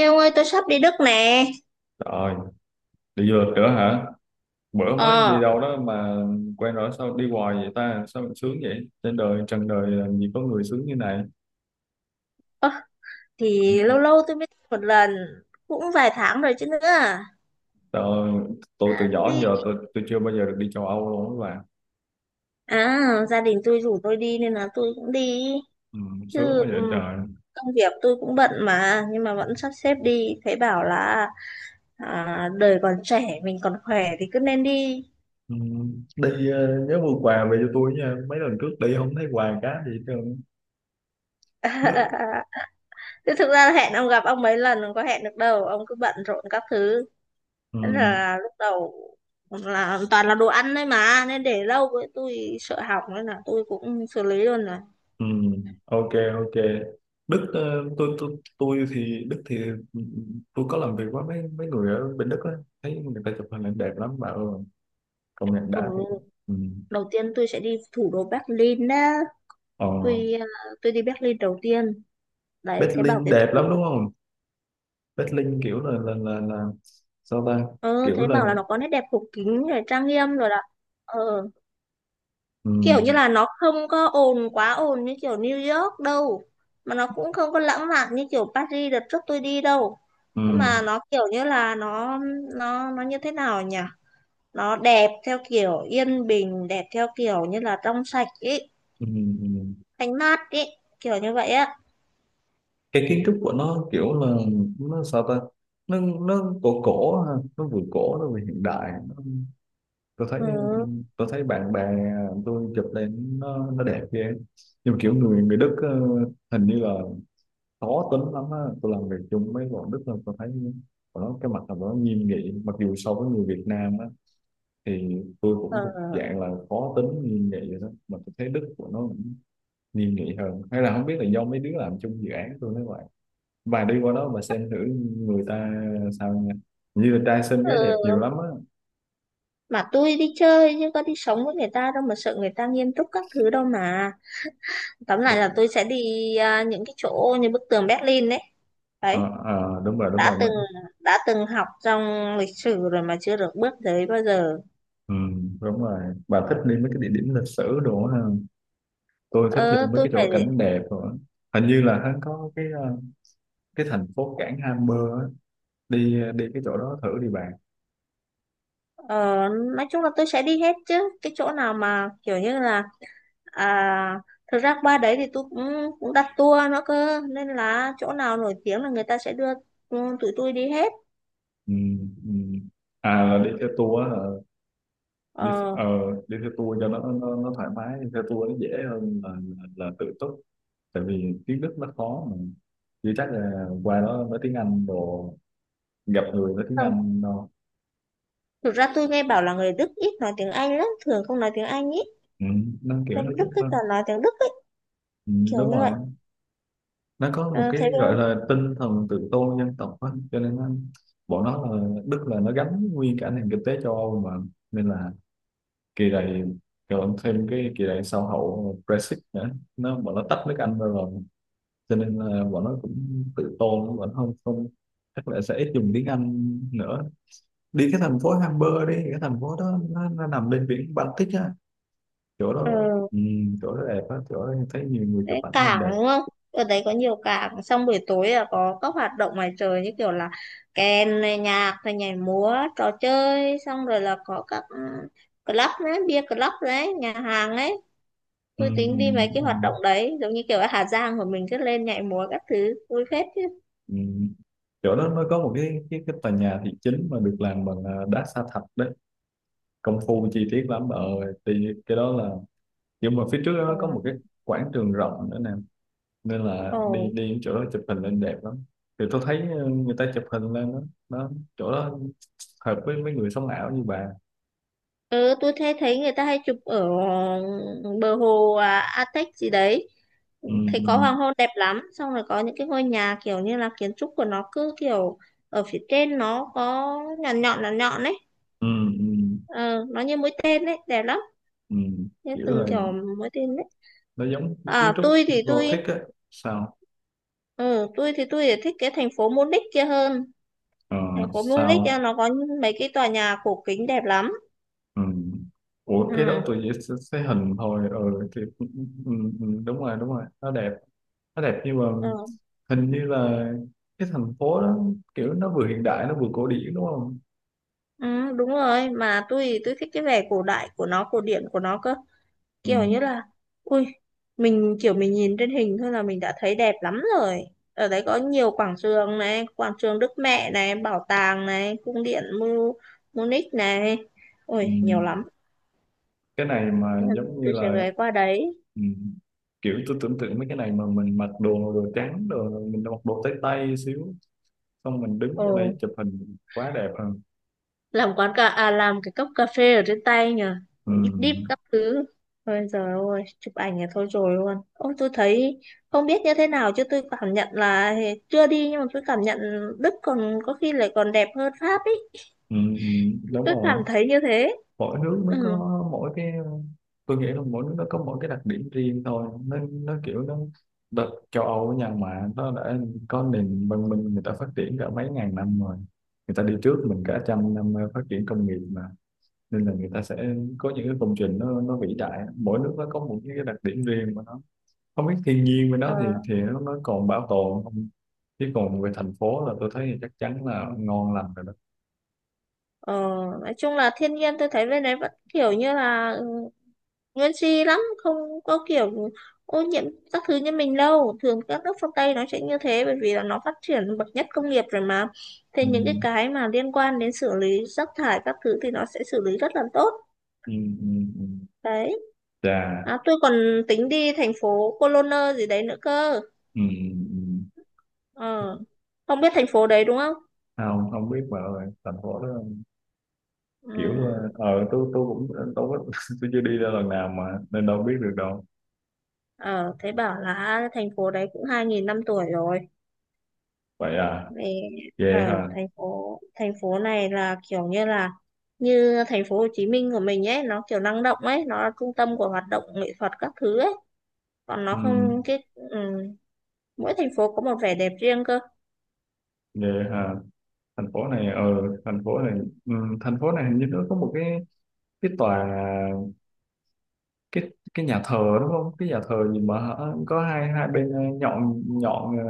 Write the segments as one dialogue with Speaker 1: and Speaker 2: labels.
Speaker 1: Ê ông ơi, tôi sắp đi Đức nè.
Speaker 2: Rồi, đi du lịch nữa hả? Bữa mới
Speaker 1: Ờ.
Speaker 2: đi đâu đó mà quen rồi sao đi hoài vậy ta? Sao mình sướng vậy? Trên đời, trần đời làm gì có người sướng như này.
Speaker 1: ơ, Thì lâu lâu tôi mới đi một lần. Cũng vài tháng rồi chứ nữa.
Speaker 2: Tôi, tôi từ nhỏ đến
Speaker 1: Đi
Speaker 2: giờ tôi chưa bao giờ được đi châu Âu luôn các bạn.
Speaker 1: À, gia đình tôi rủ tôi đi. Nên là tôi cũng đi.
Speaker 2: Ừ,
Speaker 1: Chứ
Speaker 2: sướng quá
Speaker 1: ừ,
Speaker 2: vậy trời.
Speaker 1: công việc tôi cũng bận mà. Nhưng mà vẫn sắp xếp đi. Thấy bảo là à, đời còn trẻ, mình còn khỏe thì cứ nên đi.
Speaker 2: Ừ, đi nhớ mua quà về cho tôi nha. Mấy lần trước đi không thấy quà cá gì hết trơn.
Speaker 1: Chứ thực ra hẹn ông, gặp ông mấy lần không có hẹn được đâu, ông cứ bận rộn các thứ.
Speaker 2: Ừ.
Speaker 1: Thế là lúc đầu là toàn là đồ ăn đấy mà, nên để lâu với tôi sợ hỏng, nên là tôi cũng xử lý luôn rồi.
Speaker 2: Ừ, ok, ok. Đức, tôi thì Đức thì tôi có làm việc với mấy mấy người ở bên Đức á, thấy người ta chụp hình ảnh đẹp lắm mà ừ, công nhận
Speaker 1: Ừ.
Speaker 2: đã thiệt mà. Ừ.
Speaker 1: Đầu tiên tôi sẽ đi thủ đô Berlin đó,
Speaker 2: ờ,
Speaker 1: tôi à, tôi đi Berlin đầu tiên đấy. Thấy bảo
Speaker 2: Berlin đẹp lắm đúng không? Berlin kiểu là sao ta, kiểu
Speaker 1: thấy
Speaker 2: là
Speaker 1: bảo là nó có nét đẹp cổ kính rồi trang nghiêm rồi đó. Ờ,
Speaker 2: ừ,
Speaker 1: kiểu như là nó không có ồn, quá ồn như kiểu New York đâu, mà nó cũng không có lãng mạn như kiểu Paris đợt trước tôi đi đâu.
Speaker 2: ừ,
Speaker 1: Nhưng mà nó kiểu như là nó như thế nào nhỉ, nó đẹp theo kiểu yên bình, đẹp theo kiểu như là trong sạch ý,
Speaker 2: ừ, ừ.
Speaker 1: thanh mát ý, kiểu như vậy á.
Speaker 2: cái kiến trúc của nó kiểu là nó sao ta, nó cổ cổ ha. Nó vừa cổ nó vừa hiện đại, tôi thấy.
Speaker 1: Ừ,
Speaker 2: Tôi thấy bạn bè tôi chụp lên nó đẹp ghê. Nhưng mà kiểu người người Đức ờ, hình như là khó tính lắm á, tôi làm việc chung với bọn Đức là tôi thấy bọn nó cái mặt là bọn nó nghiêm nghị, mặc dù so với người Việt Nam á thì tôi
Speaker 1: ờ,
Speaker 2: cũng thuộc dạng là khó tính nghiêm nghị rồi đó, mà tôi thấy Đức của nó cũng nghiêm nghị hơn, hay là không biết là do mấy đứa làm chung dự án tôi nói vậy. Và đi qua đó mà xem thử người ta sao nha, như là trai xinh gái đẹp nhiều
Speaker 1: ừ.
Speaker 2: lắm á.
Speaker 1: Mà tôi đi chơi chứ có đi sống với người ta đâu mà sợ người ta nghiêm túc các thứ đâu mà. Tóm lại
Speaker 2: Ủa,
Speaker 1: là tôi sẽ đi à, những cái chỗ như bức tường Berlin đấy.
Speaker 2: ờ,
Speaker 1: Đấy,
Speaker 2: ờ, đúng rồi, đúng
Speaker 1: đã từng,
Speaker 2: rồi.
Speaker 1: đã từng học trong lịch sử rồi mà chưa được bước tới bao giờ.
Speaker 2: Ừ, đúng rồi. Bà thích đi mấy cái địa điểm lịch sử đồ ha. Tôi thích đi
Speaker 1: Ờ
Speaker 2: mấy
Speaker 1: tôi
Speaker 2: cái chỗ
Speaker 1: phải
Speaker 2: cảnh đẹp rồi. Hình như là hắn có cái cái thành phố cảng Hamburg á. Đi đi cái chỗ đó thử đi bạn.
Speaker 1: Ờ, nói chung là tôi sẽ đi hết chứ. Cái chỗ nào mà kiểu như là, à, thực ra qua đấy thì tôi cũng cũng đặt tour nữa cơ, nên là chỗ nào nổi tiếng là người ta sẽ đưa ừ, tụi tôi đi hết.
Speaker 2: Ừ, ừ.
Speaker 1: Ừ.
Speaker 2: À là đi theo tour á, ờ, đi
Speaker 1: Ờ,
Speaker 2: đi theo tour cho nó thoải mái, đi theo tour nó dễ hơn là tự túc. Tại vì tiếng Đức nó khó mà. Chứ chắc là qua đó nói tiếng Anh đồ, gặp người nói tiếng
Speaker 1: không,
Speaker 2: Anh đâu.
Speaker 1: thực ra tôi nghe bảo là người Đức ít nói tiếng Anh lắm, thường không nói tiếng Anh, ít.
Speaker 2: Ừ, nó kiểu
Speaker 1: Bên
Speaker 2: nó,
Speaker 1: Đức cứ
Speaker 2: nó
Speaker 1: toàn nói tiếng Đức ấy,
Speaker 2: Ừ,
Speaker 1: kiểu
Speaker 2: đúng
Speaker 1: như
Speaker 2: rồi.
Speaker 1: vậy.
Speaker 2: Nó có một
Speaker 1: Ờ, thấy
Speaker 2: cái gọi
Speaker 1: không.
Speaker 2: là tinh thần tự tôn dân tộc á, cho nên nó, bọn nó là Đức là nó gắn nguyên cả nền kinh tế châu Âu mà, nên là kỳ này, còn thêm cái kỳ này sau hậu Brexit nữa, nó bọn nó tách nước Anh ra rồi, cho nên là bọn nó cũng tự tôn, bọn nó không không chắc là sẽ ít dùng tiếng Anh nữa. Đi cái thành phố Hamburg, đi cái thành phố đó nó nằm bên biển Baltic á, chỗ đó
Speaker 1: Ừ.
Speaker 2: ừ, chỗ đó đẹp á, chỗ đó em thấy nhiều người chụp
Speaker 1: Đấy,
Speaker 2: ảnh lên
Speaker 1: cảng
Speaker 2: đẹp.
Speaker 1: đúng không, ở đấy có nhiều cảng, xong buổi tối là có các hoạt động ngoài trời, như kiểu là kèn này, nhạc này, nhảy múa, trò chơi, xong rồi là có các ừ, club đấy, bia club đấy, nhà hàng ấy.
Speaker 2: ừ,
Speaker 1: Tôi tính đi
Speaker 2: ừ,
Speaker 1: mấy cái hoạt
Speaker 2: ừ.
Speaker 1: động đấy, giống như kiểu ở Hà Giang của mình, cứ lên nhảy múa các thứ, vui phết chứ.
Speaker 2: Ừ. Chỗ đó nó có một cái tòa nhà thị chính mà được làm bằng đá sa thạch đấy, công phu chi tiết lắm. Ở thì cái đó là, nhưng mà phía trước đó nó có một cái
Speaker 1: Ừ.
Speaker 2: quảng trường rộng nữa nè, nên là
Speaker 1: Ồ.
Speaker 2: đi đi đến chỗ đó chụp hình lên đẹp lắm. Thì tôi thấy ờ, người ta chụp hình lên đó, đó, chỗ đó hợp với mấy người sống ảo như bà.
Speaker 1: Ừ, tôi thấy thấy người ta hay chụp ở bờ hồ à, Atec gì đấy,
Speaker 2: ừ,
Speaker 1: thấy
Speaker 2: ừ,
Speaker 1: có hoàng hôn đẹp lắm, xong rồi có những cái ngôi nhà kiểu như là kiến trúc của nó cứ kiểu ở phía trên nó có nhọn nhọn nhọn nhọn ấy.
Speaker 2: ừ, ừ,
Speaker 1: Ờ, nó như mũi tên ấy, đẹp lắm,
Speaker 2: ừ.
Speaker 1: như
Speaker 2: Kiểu là
Speaker 1: từng kiểu mũi tên ấy.
Speaker 2: nó giống kiến
Speaker 1: À,
Speaker 2: trúc
Speaker 1: tôi thì
Speaker 2: Gothic
Speaker 1: tôi
Speaker 2: á. Sao?
Speaker 1: ừ, tôi thì thích cái thành phố Munich kia hơn.
Speaker 2: Ờ,
Speaker 1: Thành phố Munich à,
Speaker 2: sao?
Speaker 1: nó có mấy cái tòa nhà cổ kính đẹp lắm.
Speaker 2: Ừ. Ủa, cái đó
Speaker 1: Ừ,
Speaker 2: tôi chỉ sẽ, hình thôi ừ, thì, ừ, ừ, ừ, đúng rồi, đúng rồi, nó đẹp, đẹp nhưng mà
Speaker 1: ừ,
Speaker 2: hình như là cái thành phố đó kiểu nó vừa hiện đại nó vừa cổ điển đúng không?
Speaker 1: ừ, đúng rồi. Mà tôi thích cái vẻ cổ đại của nó, cổ điển của nó cơ. Kiểu như
Speaker 2: Ừ,
Speaker 1: là, ui, mình kiểu mình nhìn trên hình thôi là mình đã thấy đẹp lắm rồi. Ở đấy có nhiều quảng trường này, quảng trường Đức Mẹ này, bảo tàng này, cung điện Munich này.
Speaker 2: ừ.
Speaker 1: Ui, nhiều lắm.
Speaker 2: Cái này mà
Speaker 1: Ừ,
Speaker 2: giống như
Speaker 1: tôi sẽ
Speaker 2: là
Speaker 1: ghé qua đấy.
Speaker 2: ừ, kiểu tôi tưởng tượng mấy cái này mà mình mặc đồ đồ trắng, đồ mình mặc đồ tay tay xíu, xong mình đứng ở đây
Speaker 1: Ừ.
Speaker 2: chụp hình quá đẹp hơn.
Speaker 1: Làm cái cốc cà phê ở trên tay nhỉ,
Speaker 2: ừ,
Speaker 1: đíp đíp các thứ. Ôi giời ơi, chụp ảnh là thôi rồi luôn. Ôi tôi thấy, không biết như thế nào chứ tôi cảm nhận là, chưa đi nhưng mà tôi cảm nhận Đức còn có khi lại còn đẹp hơn Pháp ấy.
Speaker 2: ừ, đúng
Speaker 1: Tôi
Speaker 2: rồi.
Speaker 1: cảm thấy như thế.
Speaker 2: Mỗi nước nó
Speaker 1: Ừ.
Speaker 2: có mỗi cái, tôi nghĩ là mỗi nước nó có mỗi cái đặc điểm riêng thôi, nó kiểu nó đợt châu Âu ở nhà mà nó đã có nền văn minh, người ta phát triển cả mấy ngàn năm rồi, người ta đi trước mình cả trăm năm phát triển công nghiệp mà, nên là người ta sẽ có những cái công trình nó vĩ đại, mỗi nước nó có một cái đặc điểm riêng của nó, không biết thiên nhiên với
Speaker 1: Ờ,
Speaker 2: nó thì nó còn bảo tồn không, chứ còn về thành phố là tôi thấy thì chắc chắn là ngon lành rồi đó.
Speaker 1: ờ, nói chung là thiên nhiên tôi thấy bên đấy vẫn kiểu như là ừ, nguyên si lắm, không có kiểu ô nhiễm các thứ như mình đâu. Thường các nước phương Tây nó sẽ như thế, bởi vì là nó phát triển bậc nhất công nghiệp rồi mà. Thế
Speaker 2: ừ,
Speaker 1: những cái mà liên quan đến xử lý rác thải các thứ thì nó sẽ xử lý rất là tốt.
Speaker 2: ừ, ừ, ừ.
Speaker 1: Đấy.
Speaker 2: Chà,
Speaker 1: À, tôi còn tính đi thành phố Cologne gì đấy nữa cơ.
Speaker 2: ừ, ừ. Ừ.
Speaker 1: Ờ, không biết thành phố đấy đúng không.
Speaker 2: Không, không biết mà. Thành phố đó kiểu ờ
Speaker 1: Ừ.
Speaker 2: ờ, tôi tôi cũng ờ, tôi có- tôi chưa đi ra lần nào mà, nên đâu biết được đâu.
Speaker 1: Ờ thế bảo là thành phố đấy cũng 2.000 năm tuổi rồi.
Speaker 2: Vậy à?
Speaker 1: Vì
Speaker 2: Về
Speaker 1: ở
Speaker 2: hả?
Speaker 1: thành phố này là kiểu như là như thành phố Hồ Chí Minh của mình ấy, nó kiểu năng động ấy, nó là trung tâm của hoạt động nghệ thuật các thứ ấy, còn
Speaker 2: Ừ,
Speaker 1: nó không cái ừ, mỗi thành phố có một vẻ đẹp riêng cơ.
Speaker 2: về hả? Thành phố này ờ, thành phố này ừ, thành phố này hình như nó có một cái tòa, cái nhà thờ đúng không, cái nhà thờ gì mà hả? Có hai hai bên ờ, nhọn nhọn ờ,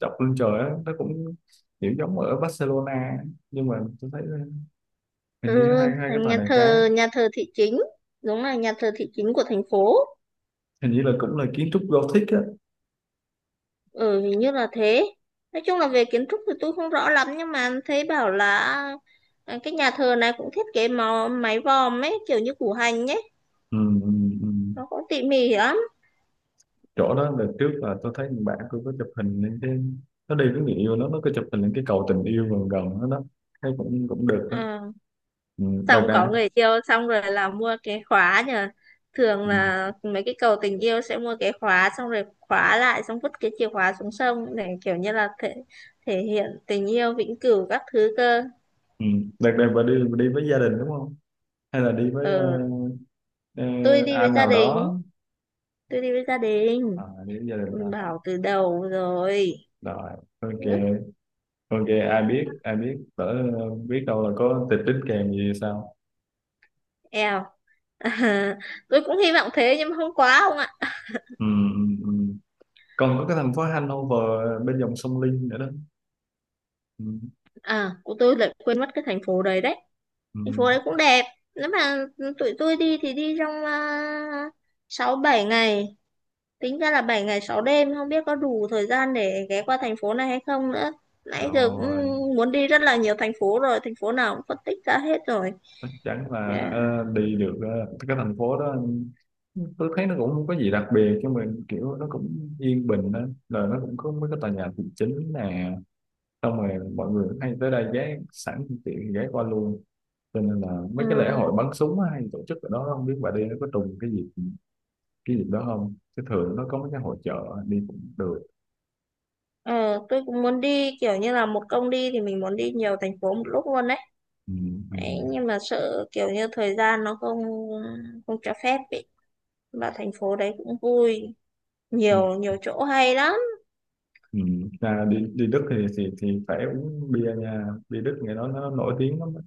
Speaker 2: chọc lên trời á, nó cũng kiểu giống ở Barcelona, nhưng mà tôi thấy ờ, hình như
Speaker 1: Ừ,
Speaker 2: hai hai cái
Speaker 1: thành
Speaker 2: tòa
Speaker 1: nhà
Speaker 2: này cái
Speaker 1: thờ nhà thờ thị chính, đúng là nhà thờ thị chính của thành phố.
Speaker 2: hình như là cũng là kiến trúc Gothic á.
Speaker 1: Ừ, hình như là thế. Nói chung là về kiến trúc thì tôi không rõ lắm, nhưng mà thấy bảo là à, cái nhà thờ này cũng thiết kế màu, mái vòm ấy kiểu như củ hành ấy,
Speaker 2: Ừ, ừ, ừ.
Speaker 1: nó cũng tỉ mỉ lắm.
Speaker 2: Chỗ đó là trước là tôi thấy bạn tôi có chụp hình lên cái, nó đi với người yêu nó có chụp hình lên cái cầu tình yêu gần gần đó đó, thấy cũng cũng được đó.
Speaker 1: À,
Speaker 2: Ừ, đợt
Speaker 1: xong
Speaker 2: này
Speaker 1: có người yêu xong rồi là mua cái khóa nhờ, thường
Speaker 2: ừ,
Speaker 1: là mấy cái cầu tình yêu sẽ mua cái khóa xong rồi khóa lại, xong vứt cái chìa khóa xuống sông, để kiểu như là thể, thể hiện tình yêu vĩnh cửu các thứ cơ.
Speaker 2: ừ. Đợt này bà đi với gia đình đúng không, hay là đi
Speaker 1: Ờ,
Speaker 2: với ờ,
Speaker 1: tôi đi với
Speaker 2: anh
Speaker 1: gia
Speaker 2: nào
Speaker 1: đình,
Speaker 2: đó?
Speaker 1: tôi đi với gia
Speaker 2: À,
Speaker 1: đình.
Speaker 2: đi với gia đình
Speaker 1: Tôi
Speaker 2: thôi hả?
Speaker 1: bảo từ đầu rồi.
Speaker 2: Rồi, ok,
Speaker 1: Ước.
Speaker 2: ok. Ai biết đỡ, biết đâu là có tịch tính kèm gì sao.
Speaker 1: Eo. Tôi cũng hy vọng thế nhưng mà không, quá không ạ.
Speaker 2: Ừ, ừ, ừ. Còn có cái thành phố Hanover bên dòng sông Linh nữa đó. Ừ,
Speaker 1: À, của tôi lại quên mất cái thành phố đấy đấy.
Speaker 2: ừ.
Speaker 1: Thành phố đấy cũng đẹp. Nếu mà tụi tôi đi thì đi trong à, 6 7 ngày. Tính ra là 7 ngày 6 đêm, không biết có đủ thời gian để ghé qua thành phố này hay không nữa. Nãy giờ cũng
Speaker 2: Rồi,
Speaker 1: muốn đi rất là nhiều thành phố rồi, thành phố nào cũng phân tích ra hết rồi.
Speaker 2: chắc chắn
Speaker 1: Ờ.
Speaker 2: là đi được cái thành phố đó, tôi thấy nó cũng không có gì đặc biệt cho mình, kiểu nó cũng yên bình đó, rồi nó cũng có mấy cái tòa nhà thị chính nè, xong rồi mọi người hay tới đây ghé sẵn phương tiện ghé qua luôn, cho nên là mấy cái lễ hội
Speaker 1: Ừm.
Speaker 2: bắn súng á hay tổ chức ở đó, không biết bà đi nó có trùng cái gì cái dịp đó không, chứ thường nó có mấy cái hội chợ đi cũng được.
Speaker 1: Ờ, tôi cũng muốn đi kiểu như là một công đi thì mình muốn đi nhiều thành phố một lúc luôn đấy.
Speaker 2: ừ, ừ,
Speaker 1: Đấy, nhưng mà sợ kiểu như thời gian nó không, không cho phép ý. Mà thành phố đấy cũng vui,
Speaker 2: ừ,
Speaker 1: nhiều nhiều chỗ hay lắm.
Speaker 2: ừ. À, đi đi Đức thì, thì phải uống bia nha, bia Đức ngày đó nó nổi tiếng lắm á.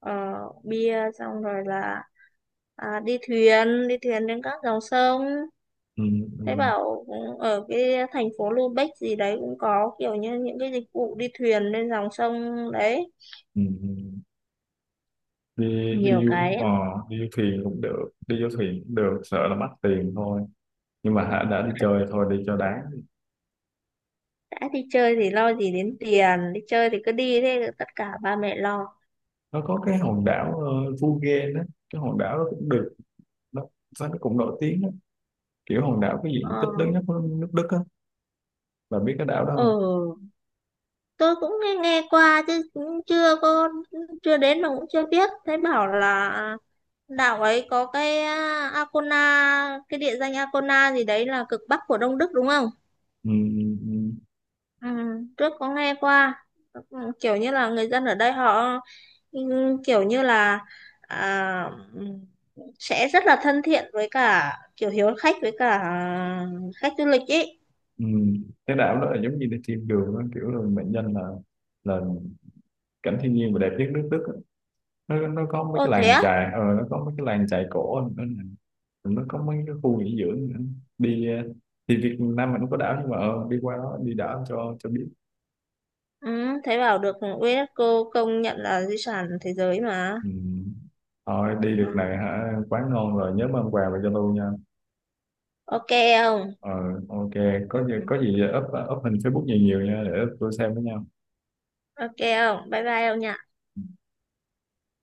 Speaker 1: Ờ, bia xong rồi là à, đi thuyền trên các dòng sông.
Speaker 2: ừ, ừ,
Speaker 1: Thế bảo ừ, ở cái thành phố Lubeck gì đấy cũng có kiểu như những cái dịch vụ đi thuyền lên dòng sông đấy.
Speaker 2: ừ. Đi
Speaker 1: Nhiều
Speaker 2: đi du
Speaker 1: cái, lắm.
Speaker 2: đi du thuyền cũng được, đi du thuyền cũng được, sợ là mất tiền thôi, nhưng mà hả đã đi chơi thôi đi cho đáng.
Speaker 1: Đã đi chơi thì lo gì đến tiền, đi chơi thì cứ đi, thế tất cả ba mẹ lo.
Speaker 2: Nó có cái hòn đảo Phú đó, cái hòn đảo đó cũng được đó, sao nó cũng nổi tiếng đó. Kiểu hòn đảo cái
Speaker 1: Ờ,
Speaker 2: diện tích lớn nhất của nước Đức á, bà biết cái đảo đó
Speaker 1: ừ,
Speaker 2: không?
Speaker 1: tôi cũng nghe qua chứ cũng chưa có, chưa đến mà cũng chưa biết. Thấy bảo là đảo ấy có cái à, Arkona, cái địa danh Arkona gì đấy là cực bắc của Đông Đức đúng không?
Speaker 2: ừ, ừ, ừ.
Speaker 1: Ừ, trước có nghe qua. Ừ, kiểu như là người dân ở đây họ ừ, kiểu như là à, ừ, sẽ rất là thân thiện với cả kiểu hiếu khách với cả khách du lịch ý.
Speaker 2: Ừ. Cái đảo đó là giống như đi thiên đường á, kiểu là mệnh danh là cảnh thiên nhiên và đẹp nhất nước Đức á. Nó có mấy
Speaker 1: Ô
Speaker 2: cái
Speaker 1: thế
Speaker 2: làng
Speaker 1: á?
Speaker 2: chài ờ, nó có mấy cái làng chài cổ nữa nè. Nó có mấy cái khu nghỉ dưỡng nữa. Đi ờ, thì Việt Nam mình cũng có đảo, nhưng mà ờ, đi qua đó đi đảo cho biết.
Speaker 1: Ừ, thế bảo được UNESCO công nhận là di sản thế giới mà.
Speaker 2: Ừ. Thôi đi được
Speaker 1: Ừ.
Speaker 2: này hả, quá ngon rồi, nhớ mang quà về cho tôi nha.
Speaker 1: Ok không?
Speaker 2: Ờ, ok.
Speaker 1: Ừ,
Speaker 2: Có gì
Speaker 1: ừ.
Speaker 2: có gì up up hình Facebook nhiều nhiều nha, để tôi xem với nhau.
Speaker 1: Ok không? Bye bye ông nhỉ?